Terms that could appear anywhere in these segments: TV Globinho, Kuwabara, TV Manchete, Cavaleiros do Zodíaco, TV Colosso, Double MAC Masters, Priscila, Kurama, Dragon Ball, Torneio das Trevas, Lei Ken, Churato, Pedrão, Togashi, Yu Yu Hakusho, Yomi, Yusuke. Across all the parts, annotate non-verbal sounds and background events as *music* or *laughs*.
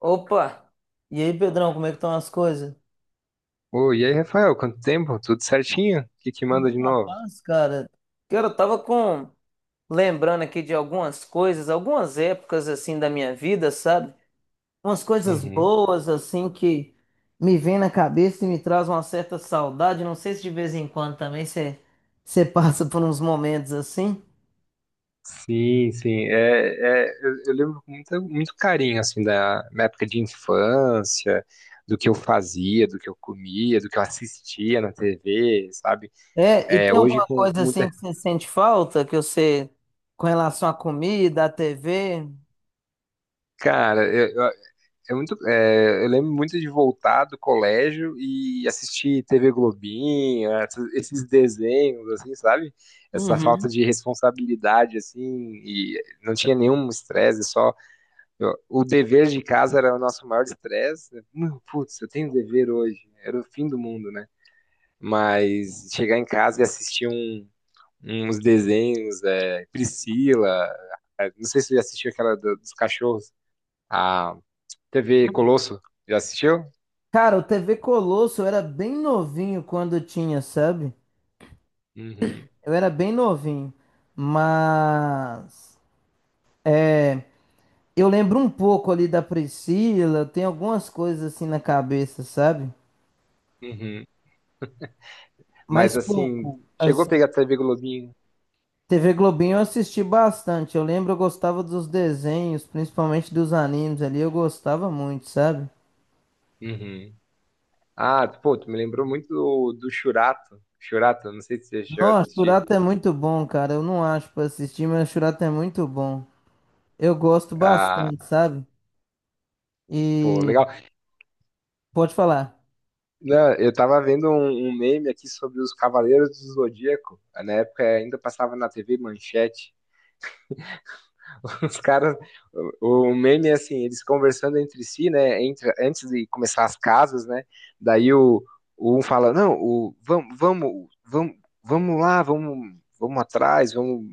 Opa! E aí, Pedrão, como é que estão as coisas? Oi, e aí, Rafael, quanto tempo? Tudo certinho? O que que manda Tudo de na novo? paz, cara. Cara, eu tava lembrando aqui de algumas coisas, algumas épocas, assim, da minha vida, sabe? Umas coisas Uhum. boas, assim, que me vem na cabeça e me traz uma certa saudade. Não sei se de vez em quando também você *laughs* passa por uns momentos assim. Sim, sim. É, eu lembro com muito carinho, assim, da minha época de infância, do que eu fazia, do que eu comia, do que eu assistia na TV, sabe? É, e É, tem hoje alguma com coisa, assim, muita... que você sente falta, que você... com relação à comida, à TV? Cara, eu lembro muito de voltar do colégio e assistir TV Globinho, esses desenhos, assim, sabe? Essa falta Uhum. de responsabilidade, assim, e não tinha nenhum estresse, só o dever de casa era o nosso maior estresse. Putz, eu tenho dever hoje, era o fim do mundo, né? Mas chegar em casa e assistir uns desenhos, Priscila, não sei se você já assistiu aquela dos cachorros, a TV Colosso, já assistiu? Cara, o TV Colosso eu era bem novinho quando tinha, sabe? Uhum, Eu era bem novinho. Mas eu lembro um pouco ali da Priscila, tem algumas coisas assim na cabeça, sabe? uhum. Mas Mas assim, pouco, chegou a assim. pegar TV Globinho? TV Globinho eu assisti bastante. Eu lembro, eu gostava dos desenhos, principalmente dos animes ali, eu gostava muito, sabe? Uhum. Ah, pô, tu me lembrou muito do Churato. Churato, não sei se você chegou a Nossa, assistir. Churato é muito bom, cara. Eu não acho pra assistir, mas Churato é muito bom. Eu gosto Ah, bastante, sabe? pô, E legal. pode falar. Não, eu tava vendo um meme aqui sobre os Cavaleiros do Zodíaco. Na época ainda passava na TV Manchete. *laughs* Os caras, o meme é assim, eles conversando entre si, né? Entre, antes de começar as casas, né? Daí o um fala, não, o, vamos, vamos, vamos, vamos lá, vamos, vamos atrás, vamos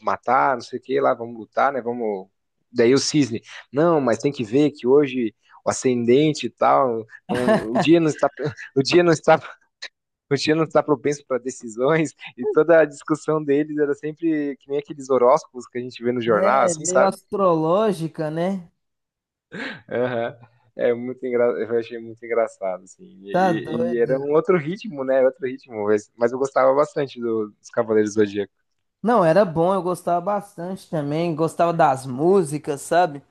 matar, não sei o que lá, vamos lutar, né? Vamos. Daí o cisne, não, mas tem que ver que hoje o ascendente e tal, não, o dia não está, *laughs* o dia não está, *laughs* o dia não está propenso para decisões e toda a discussão deles era sempre que nem aqueles horóscopos que a gente vê no jornal, É assim, meio sabe? astrológica, né? Aham. Eu achei muito engraçado, assim. E, Tá e- e doido. era um outro ritmo, né? Outro ritmo. Mas eu gostava bastante dos Cavaleiros do Zodíaco. Não, era bom, eu gostava bastante também, gostava das músicas, sabe?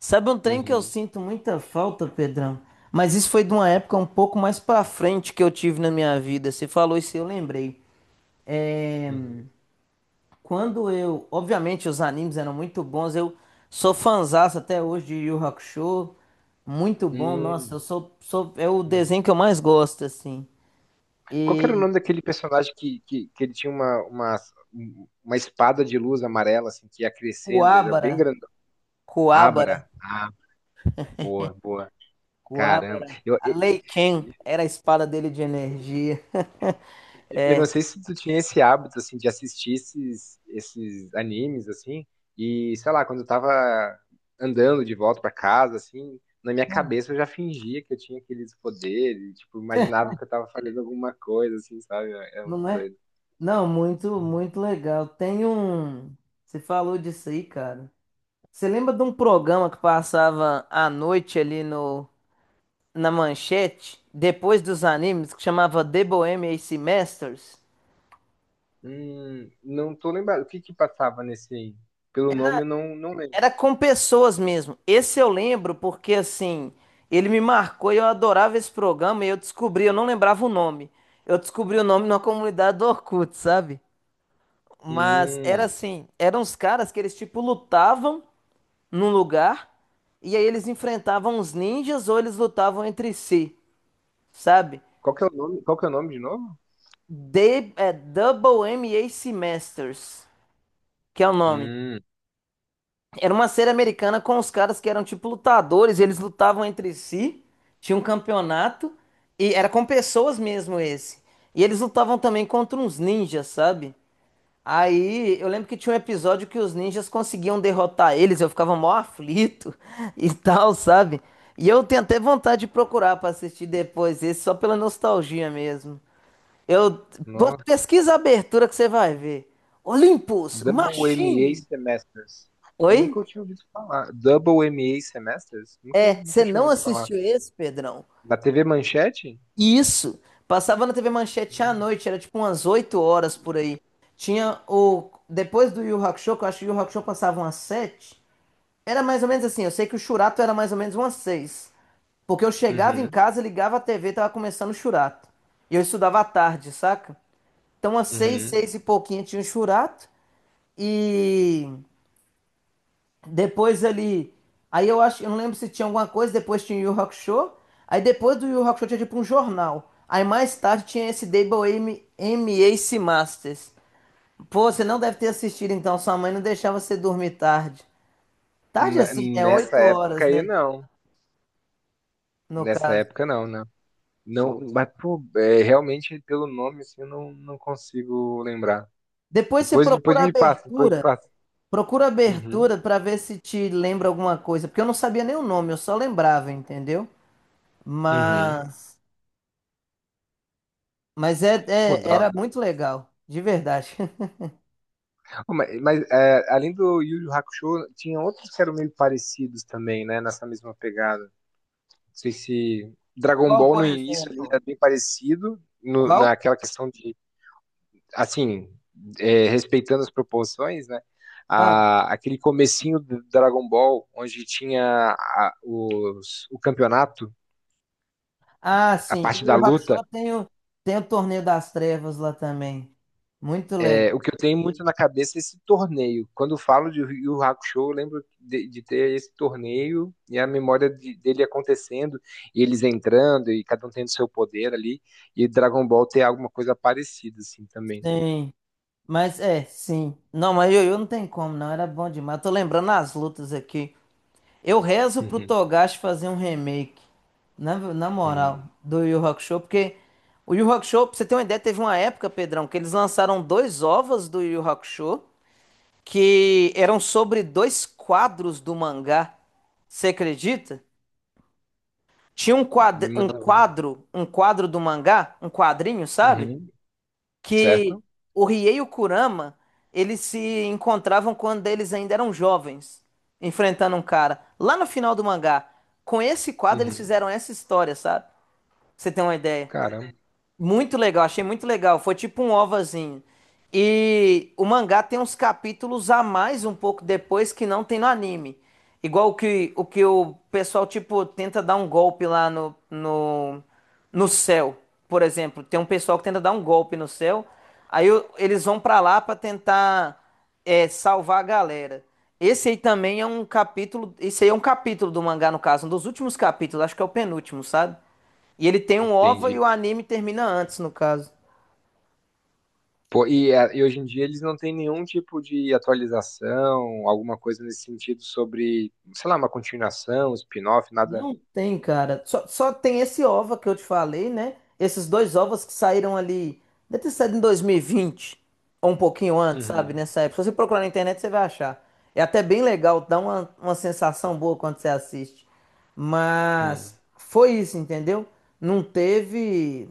Sabe um trem que eu Uhum, sinto muita falta, Pedrão? Mas isso foi de uma época um pouco mais pra frente que eu tive na minha vida. Você falou isso, e eu lembrei. É, uhum. quando eu. Obviamente, os animes eram muito bons. Eu sou fãzaço até hoje de Yu Yu Hakusho. Muito bom, nossa, Hum, eu sou. É o uhum. desenho que eu mais gosto, assim. Qual que era o E. nome daquele personagem que ele tinha uma espada de luz amarela, assim, que ia crescendo? Ele era Kuwabara. bem grandão. Coabra, Abra. Ah, boa, boa. Caramba. Coabra. Eu, A Lei Ken era a espada dele de energia. Eu não sei se tu tinha esse hábito, assim, de assistir esses animes, assim, e, sei lá, quando eu tava andando de volta pra casa, assim, na minha cabeça eu já fingia que eu tinha aqueles poderes, tipo, imaginava *laughs* que eu tava fazendo alguma coisa, assim, sabe? É muito Não é? doido. Não, muito, Uhum. muito legal. Tem um. Você falou disso aí, cara. Você lembra de um programa que passava à noite ali no na manchete, depois dos animes, que chamava The Bohemian Semesters? Não tô lembrado. O que que passava nesse aí? Pelo nome eu não lembro. Era com pessoas mesmo. Esse eu lembro porque, assim, ele me marcou e eu adorava esse programa e eu descobri, eu não lembrava o nome. Eu descobri o nome numa comunidade do Orkut, sabe? Mas era Hum, assim, eram uns caras que eles, tipo, lutavam num lugar e aí eles enfrentavam os ninjas ou eles lutavam entre si, sabe? Qual que é o nome, qual que é o nome de novo? De, é Double MAC Masters, que é o nome. Hum, Era uma série americana com os caras que eram tipo lutadores, e eles lutavam entre si, tinha um campeonato, e era com pessoas mesmo esse. E eles lutavam também contra uns ninjas, sabe? Aí eu lembro que tinha um episódio que os ninjas conseguiam derrotar eles, eu ficava mó aflito *laughs* e tal, sabe? E eu tenho até vontade de procurar pra assistir depois esse, só pela nostalgia mesmo. Eu Pô, Nossa. pesquisa a abertura que você vai ver. Olympus, Double WMA Machine. Semesters. Oi? Nunca eu tinha ouvido falar. Double WMA Semesters? Nunca, É, nunca você eu tinha não ouvido falar. assistiu esse, Pedrão? Na TV Manchete? Isso. Passava na TV Manchete à noite, era tipo umas 8 horas por aí. Tinha o. Depois do Yu Yu Hakusho, que eu acho que o Yu Yu Hakusho passava umas 7. Era mais ou menos assim, eu sei que o Churato era mais ou menos umas 6, porque eu chegava em Uhum, casa, ligava a TV, tava começando o Churato. E eu estudava à tarde, saca? Então, às seis, uhum. seis e pouquinho tinha o Churato. E depois ele. Aí eu acho, eu não lembro se tinha alguma coisa, depois tinha o Yu Yu Hakusho. Aí depois do Yu Yu Hakusho tinha tipo um jornal. Aí mais tarde tinha esse Double M, MAC Masters. Pô, você não deve ter assistido então, sua mãe não deixava você dormir tarde. Tarde assim, é Nessa 8 época horas, aí, né? não. No Nessa caso. época, não, né? Não, mas, pô, é, realmente, pelo nome, assim, eu não consigo lembrar. Depois você Depois procura a me passa, depois me abertura. passa. Procura a Uhum, abertura pra ver se te lembra alguma coisa. Porque eu não sabia nem o nome, eu só lembrava, entendeu? uhum. Mas. Mas é, Pô, é- dá. era muito legal, de verdade. *laughs* Ô, mas, além do Yu Yu Hakusho, tinha outros que eram meio parecidos também, né? Nessa mesma pegada. Sei se Dragon Qual, Ball por no início ali exemplo? era bem parecido Qual? naquela questão de, assim, respeitando as proporções, né? Ah, Aquele comecinho do Dragon Ball, onde tinha o campeonato, ah, a sim. O parte Yu da Yu luta, Hakusho tem o, tem o Torneio das Trevas lá também. Muito legal. o que eu tenho muito na cabeça é esse torneio. Quando eu falo de Yu Yu Hakusho, eu lembro de ter esse torneio e a memória dele acontecendo, e eles entrando, e cada um tendo seu poder ali, e Dragon Ball ter alguma coisa parecida, assim, também. Sim. Mas é, sim. Não, mas Yu Yu não tem como, não. Era bom demais. Tô lembrando as lutas aqui. Eu rezo pro Uhum, Togashi fazer um remake. Na moral, uhum. do Yu Yu Hakusho, porque o Yu Yu Hakusho, pra você ter uma ideia, teve uma época, Pedrão, que eles lançaram dois ovos do Yu Yu Hakusho que eram sobre dois quadros do mangá. Você acredita? Tinha um quadro, um Não. quadro, um quadro do mangá, um quadrinho, sabe? Uhum. Que Certo? o Riei e o Kurama, eles se encontravam quando eles ainda eram jovens, enfrentando um cara. Lá no final do mangá, com esse quadro eles Uhum. fizeram essa história, sabe? Pra Você tem uma ideia? Caramba, Muito legal, achei muito legal. Foi tipo um ovazinho. E o mangá tem uns capítulos a mais um pouco depois que não tem no anime. Igual o que o pessoal tipo tenta dar um golpe lá no céu, por exemplo. Tem um pessoal que tenta dar um golpe no céu. Aí eles vão pra lá pra tentar, salvar a galera. Esse aí também é um capítulo, esse aí é um capítulo do mangá no caso, um dos últimos capítulos, acho que é o penúltimo, sabe? E ele tem um OVA e entendi. o anime termina antes, no caso. Pô, e hoje em dia eles não têm nenhum tipo de atualização, alguma coisa nesse sentido sobre, sei lá, uma continuação, spin-off, nada. Não tem, cara. Só tem esse OVA que eu te falei, né? Esses dois OVAs que saíram ali. Deve ter saído em 2020. Ou um pouquinho antes, sabe? Uhum, Nessa época. Se você procurar na internet, você vai achar. É até bem legal, dá uma sensação boa quando você assiste. Mas uhum, foi isso, entendeu? Não teve.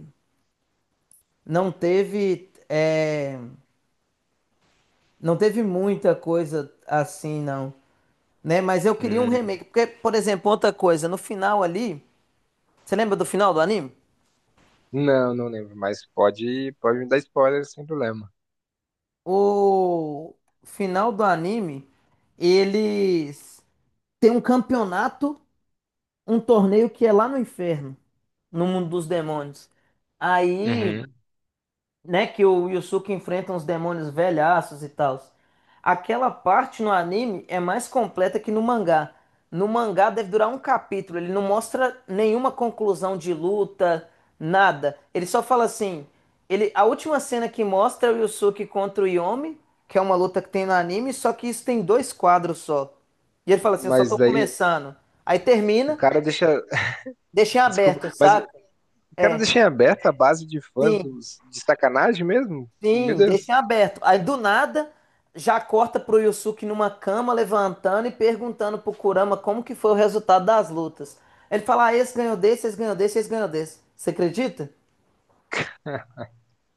Não teve. Não teve muita coisa assim, não. Né? Mas eu queria um uhum. remake. Porque, por exemplo, outra coisa, no final ali. Você lembra do final do anime? Não, não lembro, mas pode me dar spoiler sem problema. O final do anime, eles têm um campeonato, um torneio que é lá no inferno, no mundo dos demônios. Aí Uhum. né, que o Yusuke enfrenta uns demônios velhaços e tal. Aquela parte no anime é mais completa que no mangá. No mangá deve durar um capítulo, ele não mostra nenhuma conclusão de luta, nada. Ele só fala assim, ele, a última cena que mostra é o Yusuke contra o Yomi, que é uma luta que tem no anime, só que isso tem dois quadros só. E ele fala assim, eu só Mas tô daí começando. Aí o termina, cara deixa. deixa em *laughs* Desculpa, aberto, mas o saca? cara É, deixa em aberto a base de fãs sim. De sacanagem mesmo? Meu Sim, deixa Deus. em aberto. Aí do nada já corta pro Yusuke numa cama levantando e perguntando pro Kurama como que foi o resultado das lutas. Ele fala: ah, esse ganhou desse, esse ganhou desse, esse ganhou desse. Você acredita?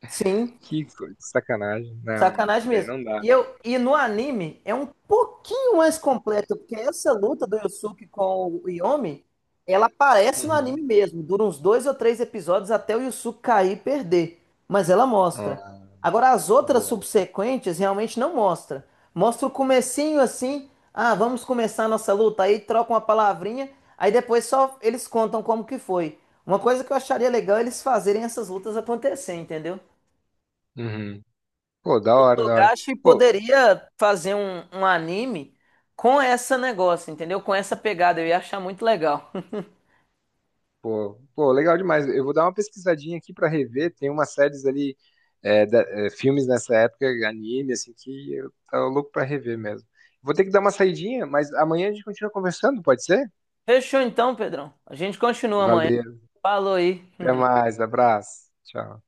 Sim. Que sacanagem. Não, não. Sacanagem Daí mesmo. não dá. E no anime é um pouquinho mais completo, porque essa luta do Yusuke com o Yomi, ela aparece no Uhum. anime mesmo. Dura uns dois ou três episódios até o Yusuke cair e perder. Mas ela mostra. Ah, Agora, as outras boa. subsequentes realmente não mostra. Mostra o comecinho assim, ah, vamos começar a nossa luta. Aí troca uma palavrinha, aí depois só eles contam como que foi. Uma coisa que eu acharia legal é eles fazerem essas lutas acontecer, entendeu? Uhum. Pô, da O hora, da hora. Togashi Pô, poderia fazer um anime com essa negócio, entendeu? Com essa pegada, eu ia achar muito legal. pô, legal demais. Eu vou dar uma pesquisadinha aqui pra rever. Tem umas séries ali, filmes nessa época, anime, assim, que eu tava louco pra rever mesmo. Vou ter que dar uma saidinha, mas amanhã a gente continua conversando, pode ser? *laughs* Fechou então, Pedrão. A gente continua amanhã. Valeu. Falou aí. Até mais. Abraço. Tchau.